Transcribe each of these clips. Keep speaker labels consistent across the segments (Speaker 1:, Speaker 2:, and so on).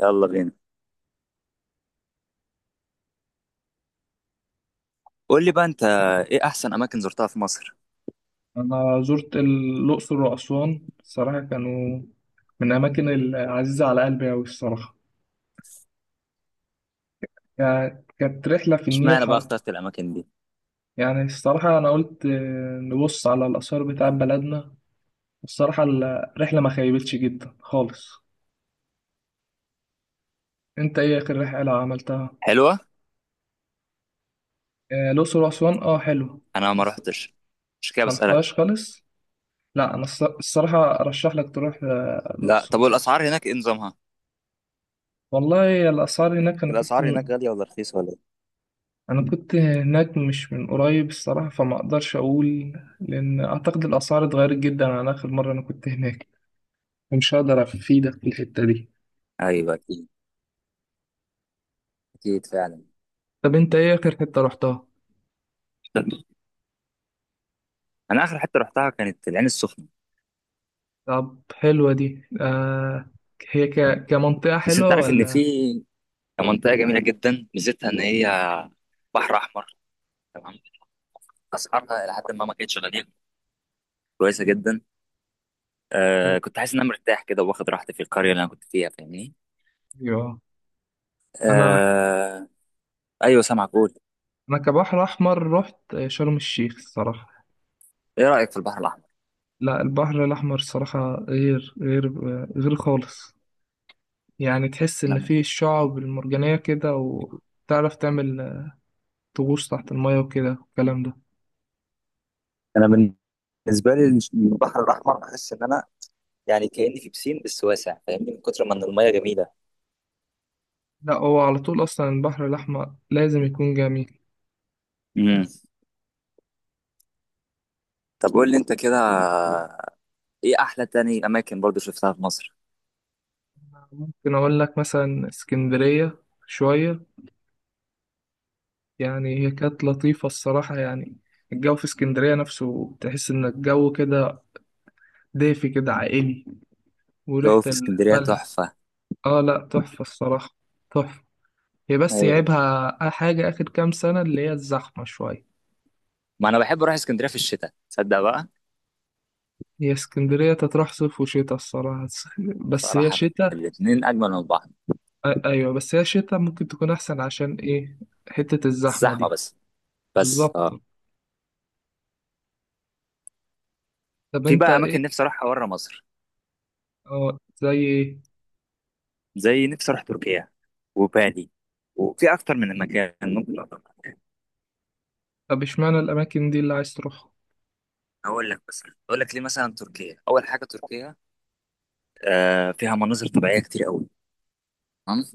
Speaker 1: يلا بينا. قول لي بقى، انت ايه احسن اماكن زرتها في مصر؟
Speaker 2: أنا زرت الأقصر وأسوان الصراحة كانوا من الأماكن العزيزة على قلبي أوي الصراحة، يعني كانت رحلة في النيل
Speaker 1: اشمعنى بقى
Speaker 2: حر.
Speaker 1: اخترت الاماكن دي؟
Speaker 2: يعني الصراحة أنا قلت آه، نبص على الآثار بتاع بلدنا، والصراحة الرحلة ما خيبتش جدا خالص. أنت إيه آخر رحلة عملتها؟
Speaker 1: حلوه.
Speaker 2: الأقصر وأسوان أه حلو.
Speaker 1: انا ما
Speaker 2: بس
Speaker 1: رحتش. مش كده،
Speaker 2: ما
Speaker 1: بسالك.
Speaker 2: رحتهاش خالص؟ لا أنا الصراحة أرشح لك تروح،
Speaker 1: لا، طب
Speaker 2: الأقصر وأسوان.
Speaker 1: والاسعار هناك ايه نظامها؟
Speaker 2: والله الأسعار هناك أنا كنت،
Speaker 1: الاسعار هناك غاليه ولا رخيصه ولا ايه؟
Speaker 2: انا كنت هناك مش من قريب الصراحة فما اقدرش اقول، لان اعتقد الاسعار اتغيرت جدا عن اخر مرة انا كنت هناك، فمش هقدر افيدك في الحتة دي.
Speaker 1: ايوه، اكيد. اكيد فعلا.
Speaker 2: طب انت ايه اخر حتة رحتها؟
Speaker 1: انا اخر حته رحتها كانت العين السخنه.
Speaker 2: طب حلوة دي آه. هي كمنطقة
Speaker 1: بس انت
Speaker 2: حلوة
Speaker 1: عارف ان
Speaker 2: ولا؟
Speaker 1: في منطقه جميله جدا، ميزتها ان هي بحر احمر. تمام. اسعارها الى حد ما، ما كانتش غاليه. كويسه جدا. آه، كنت حاسس ان انا مرتاح كده واخد راحتي في القريه اللي انا كنت فيها، فاهمني.
Speaker 2: ايوه. انا
Speaker 1: آه. ايوه، سامعك، قول.
Speaker 2: انا كبحر احمر رحت شرم الشيخ الصراحة.
Speaker 1: ايه رأيك في البحر الأحمر؟
Speaker 2: لا البحر الاحمر الصراحة غير غير خالص. يعني تحس
Speaker 1: أنا
Speaker 2: ان
Speaker 1: من-
Speaker 2: فيه الشعب المرجانية كده وتعرف تعمل، تغوص تحت المية وكده والكلام ده.
Speaker 1: انا بالنسبه لي، البحر الاحمر بحس ان انا يعني كاني في بسين بس واسع، فاهمني من كتر ما ان الميه جميله.
Speaker 2: لا هو على طول أصلا البحر الأحمر لازم يكون جميل.
Speaker 1: امم طب، قول لي انت كده، ايه احلى تاني اماكن برضو شفتها في مصر؟
Speaker 2: ممكن أقول لك مثلا اسكندرية شوية، يعني هي كانت لطيفة الصراحة، يعني الجو في اسكندرية نفسه تحس إن الجو كده دافي كده عائلي،
Speaker 1: جو
Speaker 2: وريحة
Speaker 1: في اسكندرية
Speaker 2: الملح.
Speaker 1: تحفة.
Speaker 2: آه لا تحفة الصراحة، تحفة. هي بس
Speaker 1: ايوه،
Speaker 2: يعيبها حاجة آخر كام سنة اللي هي الزحمة شوية.
Speaker 1: ما انا بحب اروح اسكندرية في الشتاء، تصدق بقى؟
Speaker 2: هي اسكندرية تتراح صيف وشتاء الصراحة، بس هي
Speaker 1: صراحة،
Speaker 2: شتاء.
Speaker 1: الاتنين اجمل من بعض.
Speaker 2: ايوه بس هي الشتا ممكن تكون احسن عشان ايه، حتة الزحمة
Speaker 1: زحمة
Speaker 2: دي.
Speaker 1: بس. بس، اه.
Speaker 2: بالظبط. طب
Speaker 1: في
Speaker 2: انت
Speaker 1: بقى اماكن
Speaker 2: ايه.
Speaker 1: نفسي اروحها بره مصر،
Speaker 2: اه زي ايه.
Speaker 1: زي نفسي اروح تركيا وبالي، وفي اكتر من مكان ممكن.
Speaker 2: طب اشمعنى الاماكن دي اللي عايز تروحها؟
Speaker 1: هقول لك مثلا، هقول لك ليه، مثلا تركيا، اول حاجه تركيا، فيها مناظر طبيعيه كتير قوي. تمام.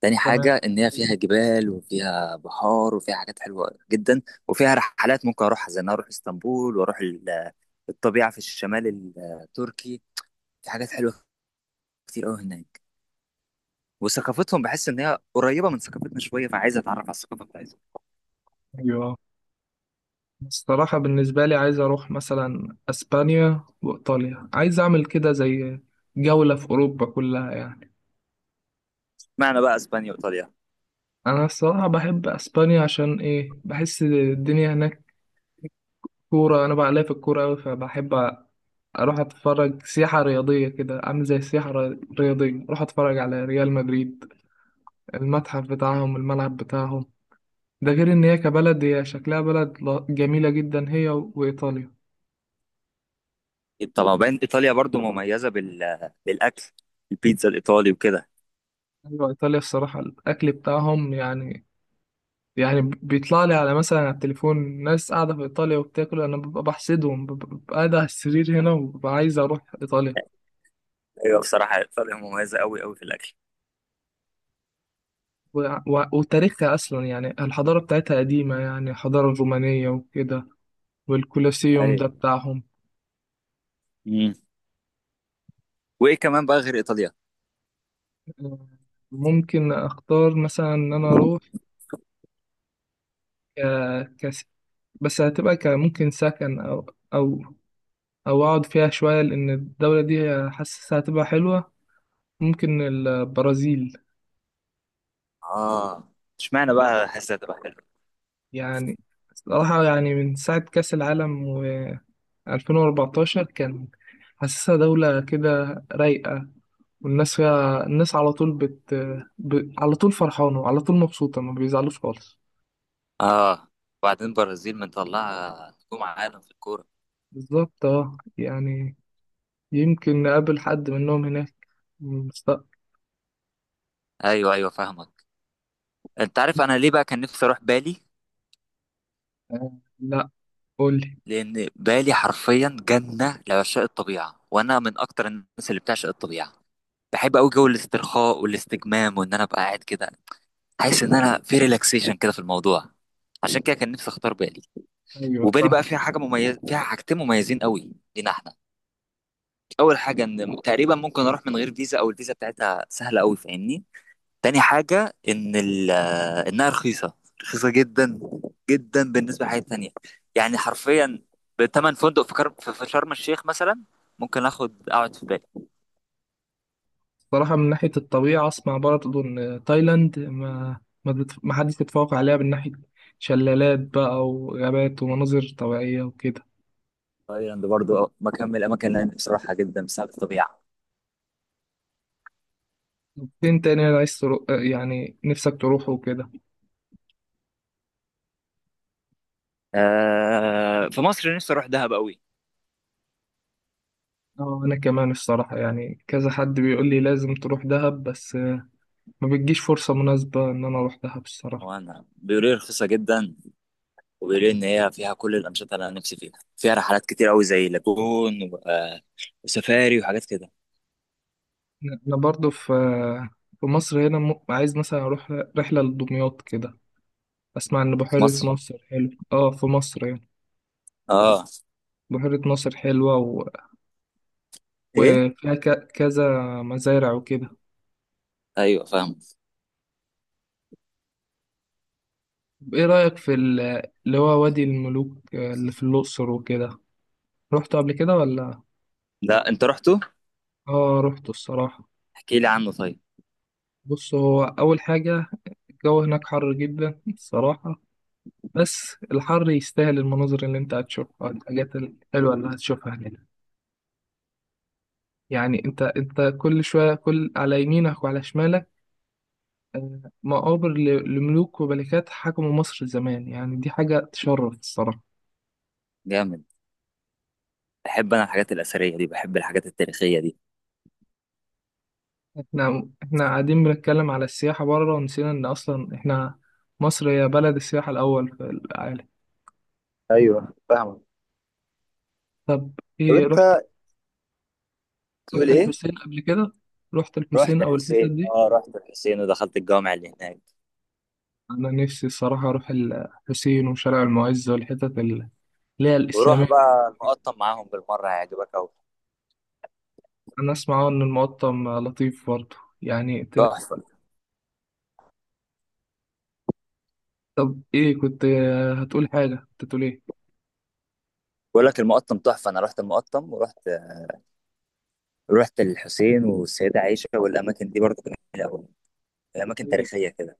Speaker 1: تاني
Speaker 2: تمام.
Speaker 1: حاجه ان هي فيها جبال وفيها بحار وفيها حاجات حلوه جدا. وفيها رحلات ممكن اروحها زي ان أنا اروح اسطنبول واروح الطبيعه في الشمال التركي، في حاجات حلوه كتير قوي هناك. وثقافتهم بحس ان هي قريبه من ثقافتنا شويه، فعايز اتعرف على الثقافه بتاعتهم.
Speaker 2: ايوه الصراحة بالنسبة لي عايز اروح مثلا اسبانيا وايطاليا، عايز اعمل كده زي جولة في اوروبا كلها يعني.
Speaker 1: معنى بقى اسبانيا وايطاليا؟
Speaker 2: انا الصراحة بحب اسبانيا عشان ايه، بحس الدنيا هناك كورة، انا بقى ليا في الكورة اوي فبحب اروح اتفرج سياحة رياضية كده، عامل زي السياحة الرياضية اروح اتفرج على ريال مدريد، المتحف بتاعهم الملعب بتاعهم. ده غير ان هي كبلد هي شكلها بلد جميلة جدا هي وايطاليا.
Speaker 1: طبعا، وبعدين ايطاليا برضو مميزه بالاكل، البيتزا الايطالي وكده.
Speaker 2: ايوه ايطاليا الصراحة الاكل بتاعهم يعني، يعني بيطلع لي على مثلا على التليفون ناس قاعدة في ايطاليا وبتاكل، انا ببقى بحسدهم، ببقى قاعد على السرير هنا وببقى عايز اروح ايطاليا.
Speaker 1: ايوه بصراحه، ايطاليا مميزه قوي قوي في الاكل.
Speaker 2: و... وتاريخها اصلا يعني الحضارة بتاعتها قديمة، يعني الحضارة الرومانية وكده، والكولوسيوم
Speaker 1: ايوه.
Speaker 2: ده بتاعهم.
Speaker 1: امم وايه كمان بقى غير ايطاليا؟
Speaker 2: ممكن اختار مثلا ان انا اروح، ك... كس... بس هتبقى ممكن سكن او، او او اقعد فيها شويه لان الدوله دي حاسسها هتبقى حلوه. ممكن البرازيل.
Speaker 1: اه. اشمعنى بقى حاسسها تبقى حلوه؟
Speaker 2: يعني صراحه يعني من ساعه كاس العالم و 2014 كان، حاسسها دوله كده رايقه، والناس فيها الناس على طول على طول فرحانه وعلى طول مبسوطه ما بيزعلوش خالص.
Speaker 1: اه وبعدين برازيل مطلعه نجوم عالم في الكوره.
Speaker 2: بالظبط اه يعني يمكن نقابل حد منهم هناك في المستقبل.
Speaker 1: ايوه، ايوه، فاهمك. انت عارف انا ليه بقى كان نفسي اروح بالي؟
Speaker 2: آه، لا قول لي.
Speaker 1: لان بالي حرفيا جنه لعشاق الطبيعه، وانا من اكتر الناس اللي بتعشق الطبيعه. بحب قوي جو الاسترخاء والاستجمام، وان انا ابقى قاعد كده حاسس ان انا في ريلاكسيشن كده في الموضوع. عشان كده كان نفسي اختار بالي.
Speaker 2: ايوه
Speaker 1: وبالي
Speaker 2: فاهم.
Speaker 1: بقى فيها حاجه مميزه، فيها حاجتين مميزين قوي لينا احنا. اول حاجه ان تقريبا ممكن اروح من غير فيزا او الفيزا بتاعتها سهله قوي، فاهمني. تاني حاجه ان انها رخيصه. رخيصه جدا. جدا بالنسبه لحاجات تانية. يعني حرفيا، بتمن فندق في كرم في شرم الشيخ مثلا، ممكن اخد اقعد في بالي.
Speaker 2: صراحة من ناحية الطبيعة اسمع برضه ان تايلاند ما ما, ما حدش يتفوق عليها من ناحية شلالات بقى وغابات ومناظر طبيعية وكده.
Speaker 1: تايلاند برضو مكان من الاماكن اللي انا نفسي اروحها جدا بسبب الطبيعه.
Speaker 2: طب فين تاني أنا عايز ترو... آه، يعني نفسك تروحه وكده.
Speaker 1: آه، في مصر نفسي اروح دهب قوي.
Speaker 2: اه انا كمان الصراحة يعني كذا حد بيقول لي لازم تروح دهب، بس ما بتجيش فرصة مناسبة ان انا اروح دهب الصراحة.
Speaker 1: وانا بيقولوا لي رخيصه جدا، وبيقولوا لي ان هي فيها كل الانشطه اللي انا نفسي فيها. فيها رحلات كتير قوي زي لاجون وسفاري وحاجات كده.
Speaker 2: انا برضو في، في مصر هنا عايز مثلا اروح رحله لدمياط كده. اسمع ان
Speaker 1: في
Speaker 2: بحيره
Speaker 1: مصر.
Speaker 2: ناصر حلو اه في مصر يعني.
Speaker 1: اه.
Speaker 2: بحيره ناصر حلوه
Speaker 1: ايه؟
Speaker 2: وفيها كذا مزارع وكده.
Speaker 1: ايوه، فاهم.
Speaker 2: طب ايه رايك في اللي هو وادي الملوك، اللي في الاقصر وكده، رحت قبل كده ولا؟
Speaker 1: لا، انت رحته.
Speaker 2: اه رحت الصراحه.
Speaker 1: احكي لي عنه طيب.
Speaker 2: بص هو اول حاجه، الجو هناك حر جدا الصراحه، بس الحر يستاهل المناظر اللي انت هتشوفها، الحاجات الحلوه اللي هتشوفها هناك. يعني انت كل شويه كل على يمينك وعلى شمالك مقابر لملوك وملكات حكموا مصر زمان، يعني دي حاجه تشرف الصراحه.
Speaker 1: جامد. بحب انا الحاجات الاثريه دي، بحب الحاجات التاريخيه دي.
Speaker 2: احنا قاعدين بنتكلم على السياحه بره، ونسينا ان اصلا احنا مصر هي بلد السياحه الاول في العالم. طب
Speaker 1: طب
Speaker 2: ايه رحت،
Speaker 1: انت تقول
Speaker 2: رحت
Speaker 1: ايه؟
Speaker 2: الحسين قبل كده؟ رحت
Speaker 1: رحت
Speaker 2: الحسين او الحتت
Speaker 1: الحسين،
Speaker 2: دي؟
Speaker 1: رحت الحسين ودخلت الجامع اللي هناك.
Speaker 2: انا نفسي الصراحه اروح الحسين وشارع المعز والحتت اللي هي
Speaker 1: وروح
Speaker 2: الاسلاميه.
Speaker 1: بقى المقطم معاهم بالمره، هيعجبك قوي.
Speaker 2: انا اسمع ان المقطم لطيف برضه يعني.
Speaker 1: تحفه.
Speaker 2: طب ايه كنت هتقول حاجة، كنت هتقول ايه؟
Speaker 1: بقول لك المقطم تحفه. انا رحت المقطم، ورحت الحسين والسيده عائشه والاماكن دي برضه كانت جميلة أوي. اماكن
Speaker 2: ايوه
Speaker 1: تاريخيه كده.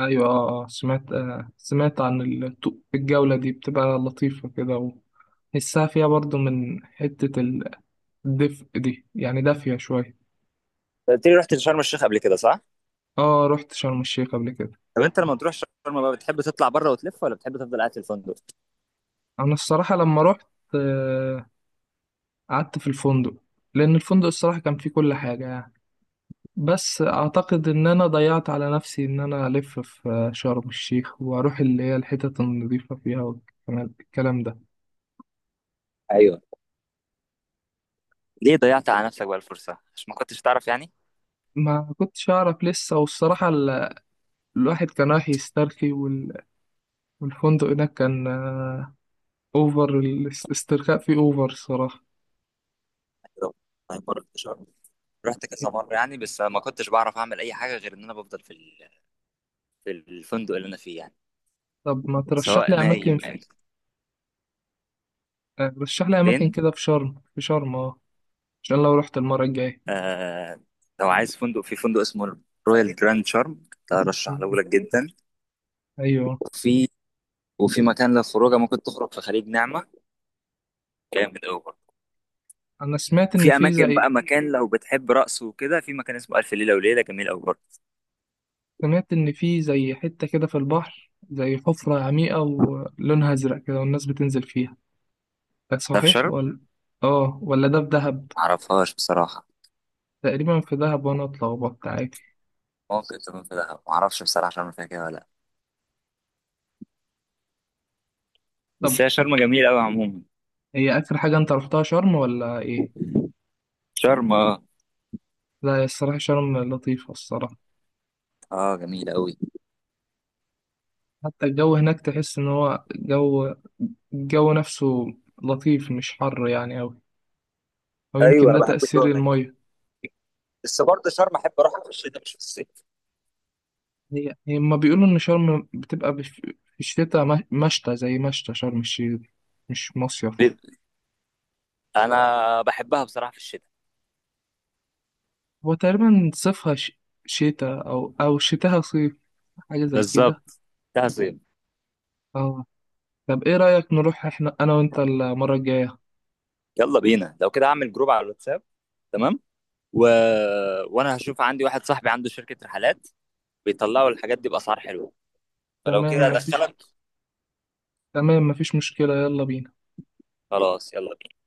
Speaker 2: ايوه اه سمعت، سمعت عن الجولة دي بتبقى لطيفة كده، وحسها فيها برضو من حتة الدفء دي يعني دافية شوية.
Speaker 1: أنت قلت لي رحت شرم الشيخ قبل كده، صح؟
Speaker 2: اه رحت شرم الشيخ قبل كده.
Speaker 1: طب انت لما تروح شرم بقى، بتحب تطلع بره وتلف ولا بتحب تفضل قاعد في الفندق؟
Speaker 2: انا الصراحة لما رحت، آه، قعدت في الفندق، لان الفندق الصراحة كان فيه كل حاجة يعني. بس اعتقد ان انا ضيعت على نفسي ان انا الف في، شرم الشيخ واروح اللي هي الحتت النظيفة فيها والكلام، الكلام ده.
Speaker 1: ايوه. ليه ضيعت على نفسك بقى الفرصه؟ عشان ما كنتش تعرف يعني؟
Speaker 2: ما كنتش أعرف لسه، والصراحة الواحد كان رايح يسترخي، والفندق هناك كان، أوفر، الاسترخاء فيه أوفر الصراحة.
Speaker 1: أيوة. طيب، مرة رحت شرم، رحت كذا مره يعني، بس ما كنتش بعرف اعمل اي حاجه غير ان انا بفضل في الفندق اللي انا فيه يعني،
Speaker 2: طب ما ترشح
Speaker 1: سواء
Speaker 2: لي أماكن
Speaker 1: نايم
Speaker 2: في...
Speaker 1: او.
Speaker 2: آه، رشح لي أماكن
Speaker 1: فين؟
Speaker 2: كده في شرم في شرم أه، عشان لو رحت المرة الجاية.
Speaker 1: آه. لو عايز فندق، في فندق اسمه رويال جراند شارم، ده ارشحه
Speaker 2: مم.
Speaker 1: لك جدا.
Speaker 2: أيوه.
Speaker 1: وفي وفي مكان للخروجه، ممكن تخرج في خليج نعمه، جامد قوي.
Speaker 2: أنا سمعت إن
Speaker 1: وفي
Speaker 2: في
Speaker 1: اماكن
Speaker 2: زي،
Speaker 1: بقى، مكان لو بتحب رقص وكده، في مكان اسمه الف ليله وليله، جميل قوي برضه.
Speaker 2: سمعت إن في زي حتة كده في البحر زي حفرة عميقة ولونها أزرق كده والناس بتنزل فيها، ده
Speaker 1: ده في
Speaker 2: صحيح
Speaker 1: شرم.
Speaker 2: ولا؟ آه ولا ده في دهب.
Speaker 1: معرفهاش بصراحه.
Speaker 2: تقريبا في دهب، وأنا أطلع وبط عادي.
Speaker 1: ممكن تكون في دهب، معرفش بصراحه شرم فيها كده ولا لا. بس
Speaker 2: طب
Speaker 1: هي شرم جميله قوي عموما.
Speaker 2: هي آخر حاجة أنت رحتها شرم ولا إيه؟
Speaker 1: شرم، اه.
Speaker 2: لا هي الصراحة شرم لطيفة الصراحة.
Speaker 1: اه، جميله قوي.
Speaker 2: حتى الجو هناك تحس إن هو جو، الجو نفسه لطيف مش حر يعني أوي، أو
Speaker 1: ايوه،
Speaker 2: يمكن
Speaker 1: انا
Speaker 2: ده
Speaker 1: بحب
Speaker 2: تأثير
Speaker 1: الجو هناك.
Speaker 2: المية.
Speaker 1: بس برضه شرم احب اروحها في الشتاء مش في الصيف.
Speaker 2: هي هما بيقولوا إن شرم بتبقى في الشتاء مشتى، زي مشتى شرم الشيخ دي، مش مصيف.
Speaker 1: ليه؟ انا بحبها بصراحه في الشتاء.
Speaker 2: هو تقريبا صيفها شتاء أو شتاها صيف، حاجة زي كده.
Speaker 1: بالظبط. ده صيف.
Speaker 2: آه. طب إيه رأيك نروح إحنا أنا وأنت المرة الجاية؟
Speaker 1: يلا بينا، لو كده اعمل جروب على الواتساب. تمام. و... وانا هشوف، عندي واحد صاحبي عنده شركه رحلات، بيطلعوا الحاجات دي باسعار حلوه. فلو كده
Speaker 2: تمام مفيش
Speaker 1: ادخلك.
Speaker 2: تمام مفيش مشكلة، يلا بينا.
Speaker 1: خلاص، يلا بينا.